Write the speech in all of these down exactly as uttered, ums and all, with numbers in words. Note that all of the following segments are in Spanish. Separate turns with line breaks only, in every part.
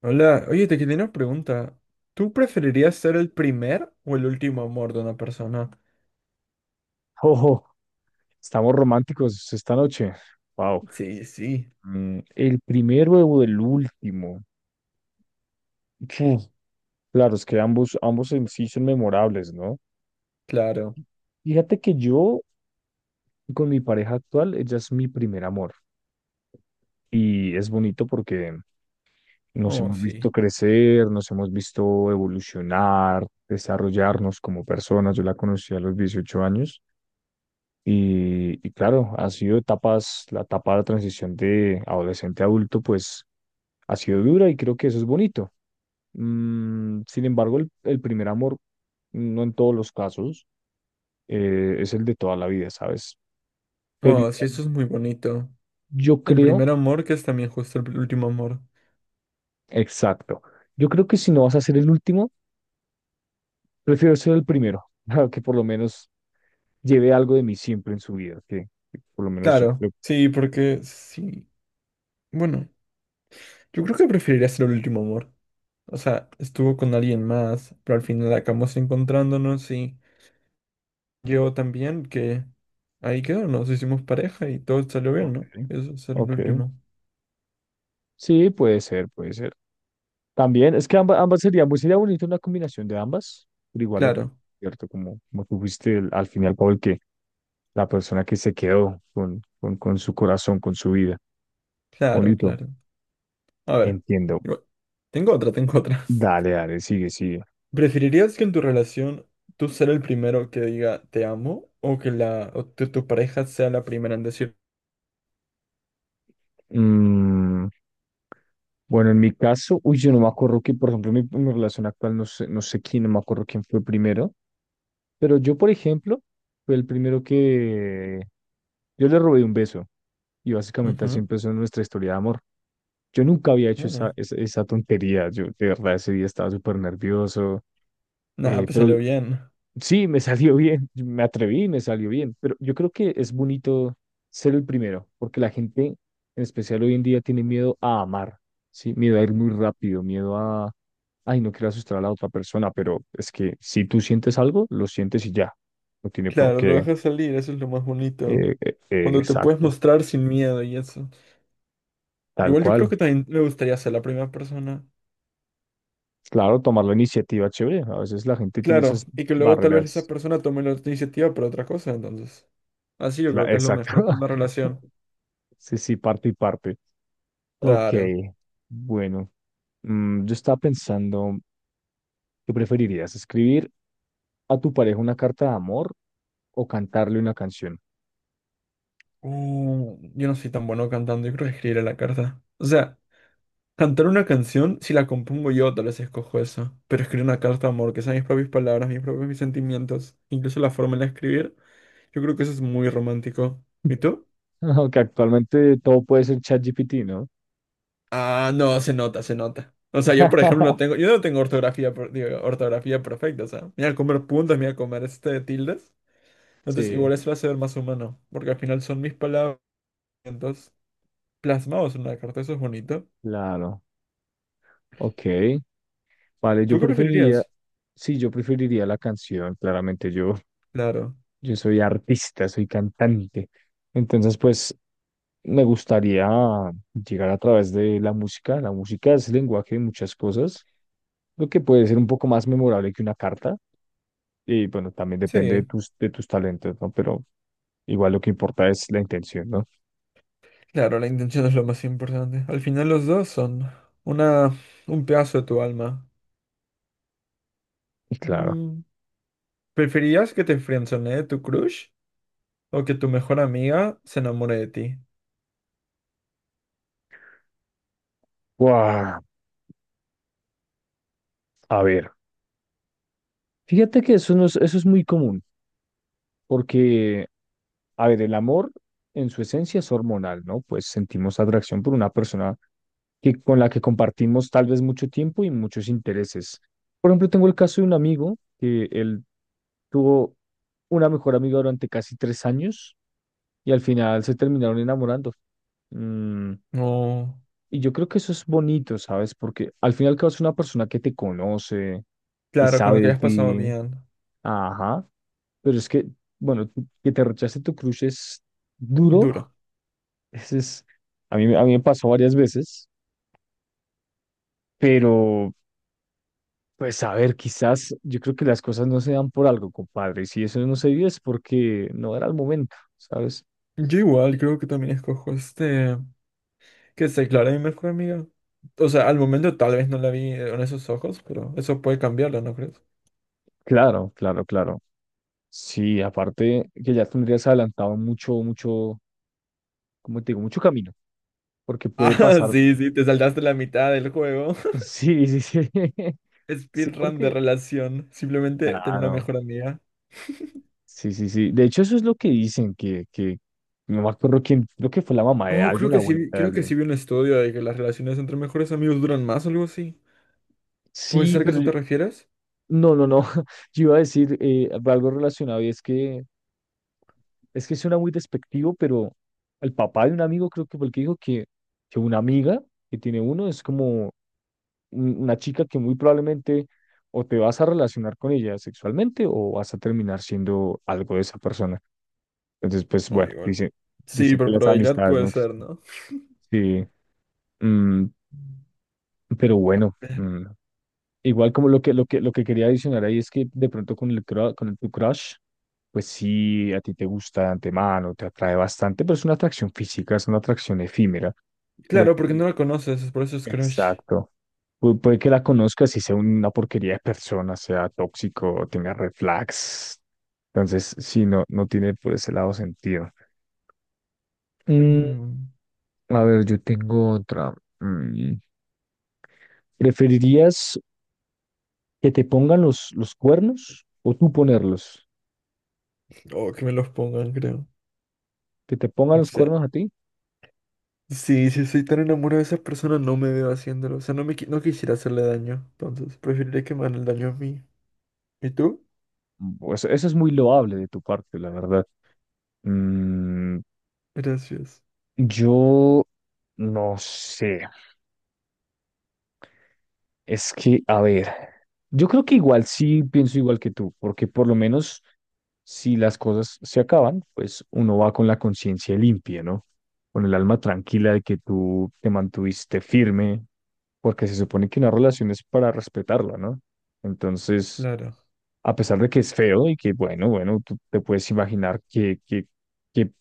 Hola, oye, te quería una pregunta. ¿Tú preferirías ser el primer o el último amor de una persona?
Ojo, estamos románticos esta noche. Wow.
Sí, sí,
Mm, el primero o el último. Uf, Claro, es que ambos, ambos en sí son memorables, ¿no?
claro.
Fíjate que yo, con mi pareja actual, ella es mi primer amor. Y es bonito porque nos
Oh,
hemos
sí.
visto crecer, nos hemos visto evolucionar, desarrollarnos como personas. Yo la conocí a los dieciocho años. Y, y claro, ha sido etapas, la etapa de transición de adolescente a adulto, pues ha sido dura y creo que eso es bonito. Mm, sin embargo, el, el primer amor, no en todos los casos, eh, es el de toda la vida, ¿sabes? Pero
Oh, sí,
igual
eso es muy bonito.
yo
El
creo,
primer amor que es también justo el último amor.
exacto, yo creo que si no vas a ser el último, prefiero ser el primero, para que por lo menos lleve algo de mí siempre en su vida, que, que por lo menos yo
Claro,
creo.
sí, porque sí. Bueno, yo creo que preferiría ser el último amor. O sea, estuvo con alguien más, pero al final acabamos encontrándonos y yo también que ahí quedó, nos hicimos pareja y todo salió bien,
Ok,
¿no? Eso será el
ok.
último.
Sí, puede ser, puede ser. También, es que ambas, ambas serían, pues sería bonito una combinación de ambas, pero igual lo que,
Claro.
cierto, como, como tú fuiste el- al final, Paul, la persona que se quedó con, con, con su corazón, con su vida.
Claro,
Bonito,
claro. A ver,
entiendo.
igual- tengo otra, tengo otra.
Dale, dale, sigue, sigue.
¿Preferirías que en tu relación tú ser el primero que diga te amo o que la o tu, tu pareja sea la primera en decir?
Mm, bueno, en mi caso, uy, yo no me acuerdo que, por ejemplo, mi, mi relación actual, no sé, no sé quién, no me acuerdo quién fue primero, pero yo, por ejemplo, fue el primero que yo le robé un beso y básicamente así
Ujú.
empezó nuestra historia de amor. Yo nunca había hecho
Mm.
esa, esa, esa tontería, yo de verdad ese día estaba súper nervioso,
Nah,
eh,
pues
pero
salió bien.
Sí, me salió bien, me atreví, me salió bien, pero yo creo que es bonito ser el primero, porque la gente, en especial hoy en día, tiene miedo a amar, ¿sí? Miedo a ir muy rápido, miedo a, ay, no quiero asustar a la otra persona, pero es que si tú sientes algo, lo sientes y ya, no tiene por
Claro, lo
qué,
dejas salir, eso es lo más bonito.
eh, eh, eh,
Cuando te puedes
exacto,
mostrar sin miedo y eso.
tal
Igual yo creo
cual.
que también me gustaría ser la primera persona.
Claro, tomar la iniciativa, chévere, a veces la gente tiene
Claro,
esas
y que luego tal vez esa
barreras,
persona tome la iniciativa por otra cosa, entonces. Así yo
cla-
creo que es lo
exacto.
mejor por una relación.
Sí, sí, parte y parte. Ok,
Claro.
bueno. Mm, yo estaba pensando, ¿qué preferirías? ¿Escribir a tu pareja una carta de amor o cantarle una canción?
Uh, yo no soy tan bueno cantando, yo creo que escribiré la carta. O sea, cantar una canción, si la compongo yo, tal vez escojo eso. Pero escribir una carta de amor, que sean mis propias palabras, mis propios mis sentimientos, incluso la forma de escribir, yo creo que eso es muy romántico. ¿Y tú?
Aunque actualmente todo puede ser ChatGPT, ¿no?
Ah, no, se nota, se nota. O sea, yo por ejemplo no tengo, yo no tengo ortografía, per- digo, ortografía perfecta, o sea, me voy a comer puntos, me voy a comer este tildes. Entonces,
Sí,
igual eso lo hace ver más humano, porque al final son mis palabras plasmados en una carta, eso es bonito.
claro. Ok. Vale, yo
¿Tú qué
preferiría,
preferirías?
sí, yo preferiría la canción, claramente yo.
Claro,
Yo soy artista, soy cantante. Entonces, pues me gustaría llegar a través de la música. La música es el lenguaje de muchas cosas, lo que puede ser un poco más memorable que una carta. Y bueno, también depende de
sí,
tus, de tus talentos, ¿no? Pero igual lo que importa es la intención, ¿no?
claro, la intención es lo más importante. Al final los dos son una, un pedazo de tu alma.
Y claro.
Mm, ¿preferirías que te friendzonee tu crush o que tu mejor amiga se enamore de ti?
¡Guau! A ver, fíjate que eso, no es, eso es muy común, porque, a ver, el amor en su esencia es hormonal, ¿no? Pues sentimos atracción por una persona que con la que compartimos tal vez mucho tiempo y muchos intereses. Por ejemplo, tengo el caso de un amigo que él tuvo una mejor amiga durante casi tres años y al final se terminaron enamorando. Mm,
No,
y yo creo que eso es bonito, ¿sabes? Porque al final que es una persona que te conoce, que
claro, con lo
sabe
que
de
hayas pasado
ti,
bien.
ajá, pero es que, bueno, tú- que te rechace tu crush es duro,
Duro.
ese es, a mí, a mí me pasó varias veces, pero pues a ver, quizás yo creo que las cosas no se dan por algo, compadre. Y si eso no se dio es porque no era el momento, ¿sabes?
Yo igual creo que también escojo este, que se declare mi mejor amiga. O sea, al momento tal vez no la vi eh, con esos ojos, pero eso puede cambiarlo, ¿no crees?
Claro, claro, claro. Sí, aparte que ya tendrías adelantado mucho, mucho, como te digo, mucho camino, porque puede
Ah,
pasar.
sí, sí, te saltaste la mitad del juego.
Sí, sí, sí. Sí,
Speedrun de
porque,
relación. Simplemente tener una
claro,
mejor amiga.
sí, sí, sí. De hecho, eso es lo que dicen, que, que, no me acuerdo quién, creo que fue la mamá de
Oh, creo
alguien, la
que sí, vi-
abuelita de
creo que sí
alguien.
vi un estudio de que las relaciones entre mejores amigos duran más o algo así. ¿Puede
Sí,
ser que
pero
eso
yo-
te refieres?
no, no, no. Yo iba a decir eh, algo relacionado y es que es que suena muy despectivo, pero el papá de un amigo creo que fue el que dijo que, que una amiga que tiene uno es como un- una chica que muy probablemente o te vas a relacionar con ella sexualmente o vas a terminar siendo algo de esa persona. Entonces, pues
Oh,
bueno,
igual.
dicen,
Sí,
dicen que
por
las
probabilidad
amistades
puede
no
ser,
existen.
¿no?
Sí, mm, pero bueno, mm, igual como lo que, lo que, lo que quería adicionar ahí es que de pronto con el, cru- con el, tu crush, pues sí, a ti te gusta de antemano, te atrae bastante, pero es una atracción física, es una atracción efímera. Puede
Claro, porque no
que,
la conoces, por eso es crush.
exacto. Pu- puede que la conozcas y sea una porquería de persona, sea tóxico, tenga red flags. Entonces, sí, no, no tiene por ese lado sentido. Mm,
Mm.
a ver, yo tengo otra. Mm, ¿Preferirías que te pongan los, los cuernos o tú ponerlos?
Oh, que me los pongan, creo.
Que te pongan
No
los
sé.
cuernos a ti,
Sí, si estoy tan enamorado de esa persona, no me veo haciéndolo. O sea, no me qui- no quisiera hacerle daño. Entonces, preferiría que me hagan el daño a mí. ¿Y tú?
pues eso es muy loable de tu parte, la verdad. Mm,
Gracias.
yo no sé, es que, a ver, yo creo que igual sí pienso igual que tú, porque por lo menos si las cosas se acaban, pues uno va con la conciencia limpia, ¿no? Con el alma tranquila de que tú te mantuviste firme, porque se supone que una relación es para respetarla, ¿no? Entonces
Claro.
a pesar de que es feo y que, bueno, bueno, tú te puedes imaginar qué que, que, que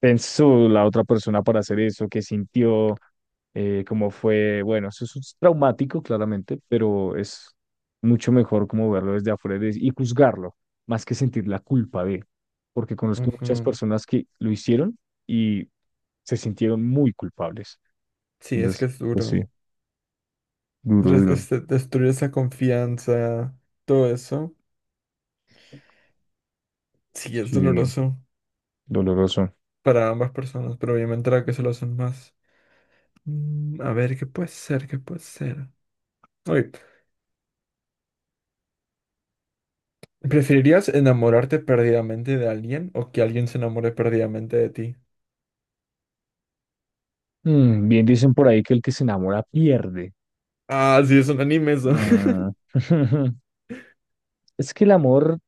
pensó la otra persona para hacer eso, qué sintió, eh, cómo fue, bueno, eso es traumático, claramente, pero es mucho mejor como verlo desde afuera y y juzgarlo, más que sentir la culpa de, porque conozco muchas
Ujú.
personas que lo hicieron y se sintieron muy culpables.
Sí, es
Entonces,
que es
pues sí,
duro.
duro,
Res-
duro.
este, destruir esa confianza, todo eso, sí es
Sí,
doloroso
doloroso.
para ambas personas, pero obviamente la que se lo hacen más. Mm, a ver, ¿qué puede ser? ¿Qué puede ser? Oye, ¿preferirías enamorarte perdidamente de alguien o que alguien se enamore perdidamente de ti?
Mm, bien dicen por ahí que el que se enamora pierde.
Ah, sí, es un anime eso.
Mm, Es que el amor,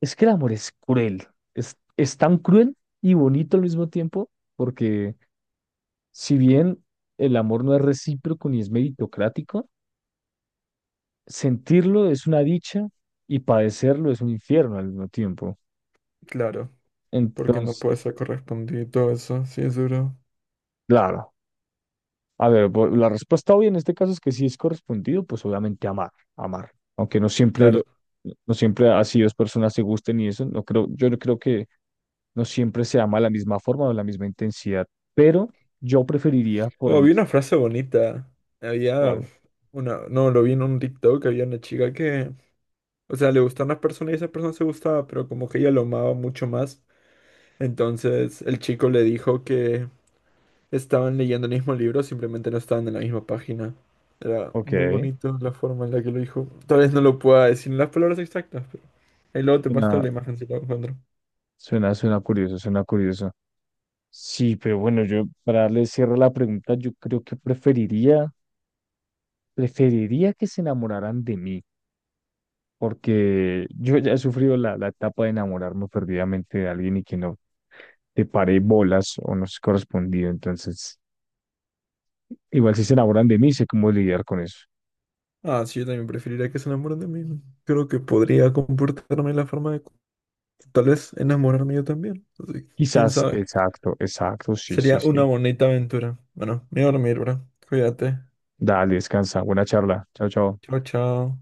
es que el amor es cruel. Es, es tan cruel y bonito al mismo tiempo, porque si bien el amor no es recíproco ni es meritocrático, sentirlo es una dicha y padecerlo es un infierno al mismo tiempo.
Claro, porque no puede
Entonces,
ser correspondido y todo eso, sí es duro.
claro. A ver, vo- la respuesta obvia en este caso es que si es correspondido, pues obviamente amar, amar. Aunque no siempre lo-
Claro.
no siempre así dos personas se gusten y eso, no creo, yo no creo que no siempre se ama de la misma forma o de la misma intensidad, pero yo preferiría por
Oh,
mí.
vi una frase bonita. Había
Vale.
una, no, lo vi en un TikTok, había una chica que, o sea, le gustó a una persona y esa persona se gustaba, pero como que ella lo amaba mucho más. Entonces el chico le dijo que estaban leyendo el mismo libro, simplemente no estaban en la misma página. Era
Ok.
muy bonito la forma en la que lo dijo. Tal vez no lo pueda decir en las palabras exactas, pero ahí luego te muestro
Suena,
la imagen si la encuentro.
suena, suena curioso, suena curioso. Sí, pero bueno, yo para darle cierre a la pregunta, yo creo que preferiría, preferiría que se enamoraran de mí, porque yo ya he sufrido la, la etapa de enamorarme perdidamente de alguien y que no te paré bolas o no se correspondido. Entonces, igual si se enamoran de mí, sé cómo lidiar con eso.
Ah, sí, yo también preferiría que se enamoren de mí. ¿No? Creo que podría comportarme de la forma de... Tal vez enamorarme yo también. Así que, quién
Quizás,
sabe.
exacto, exacto, sí, sí,
Sería
sí.
una bonita aventura. Bueno, me voy a dormir, bro. Cuídate.
Dale, descansa. Buena charla. Chao, chao.
Chao, chao.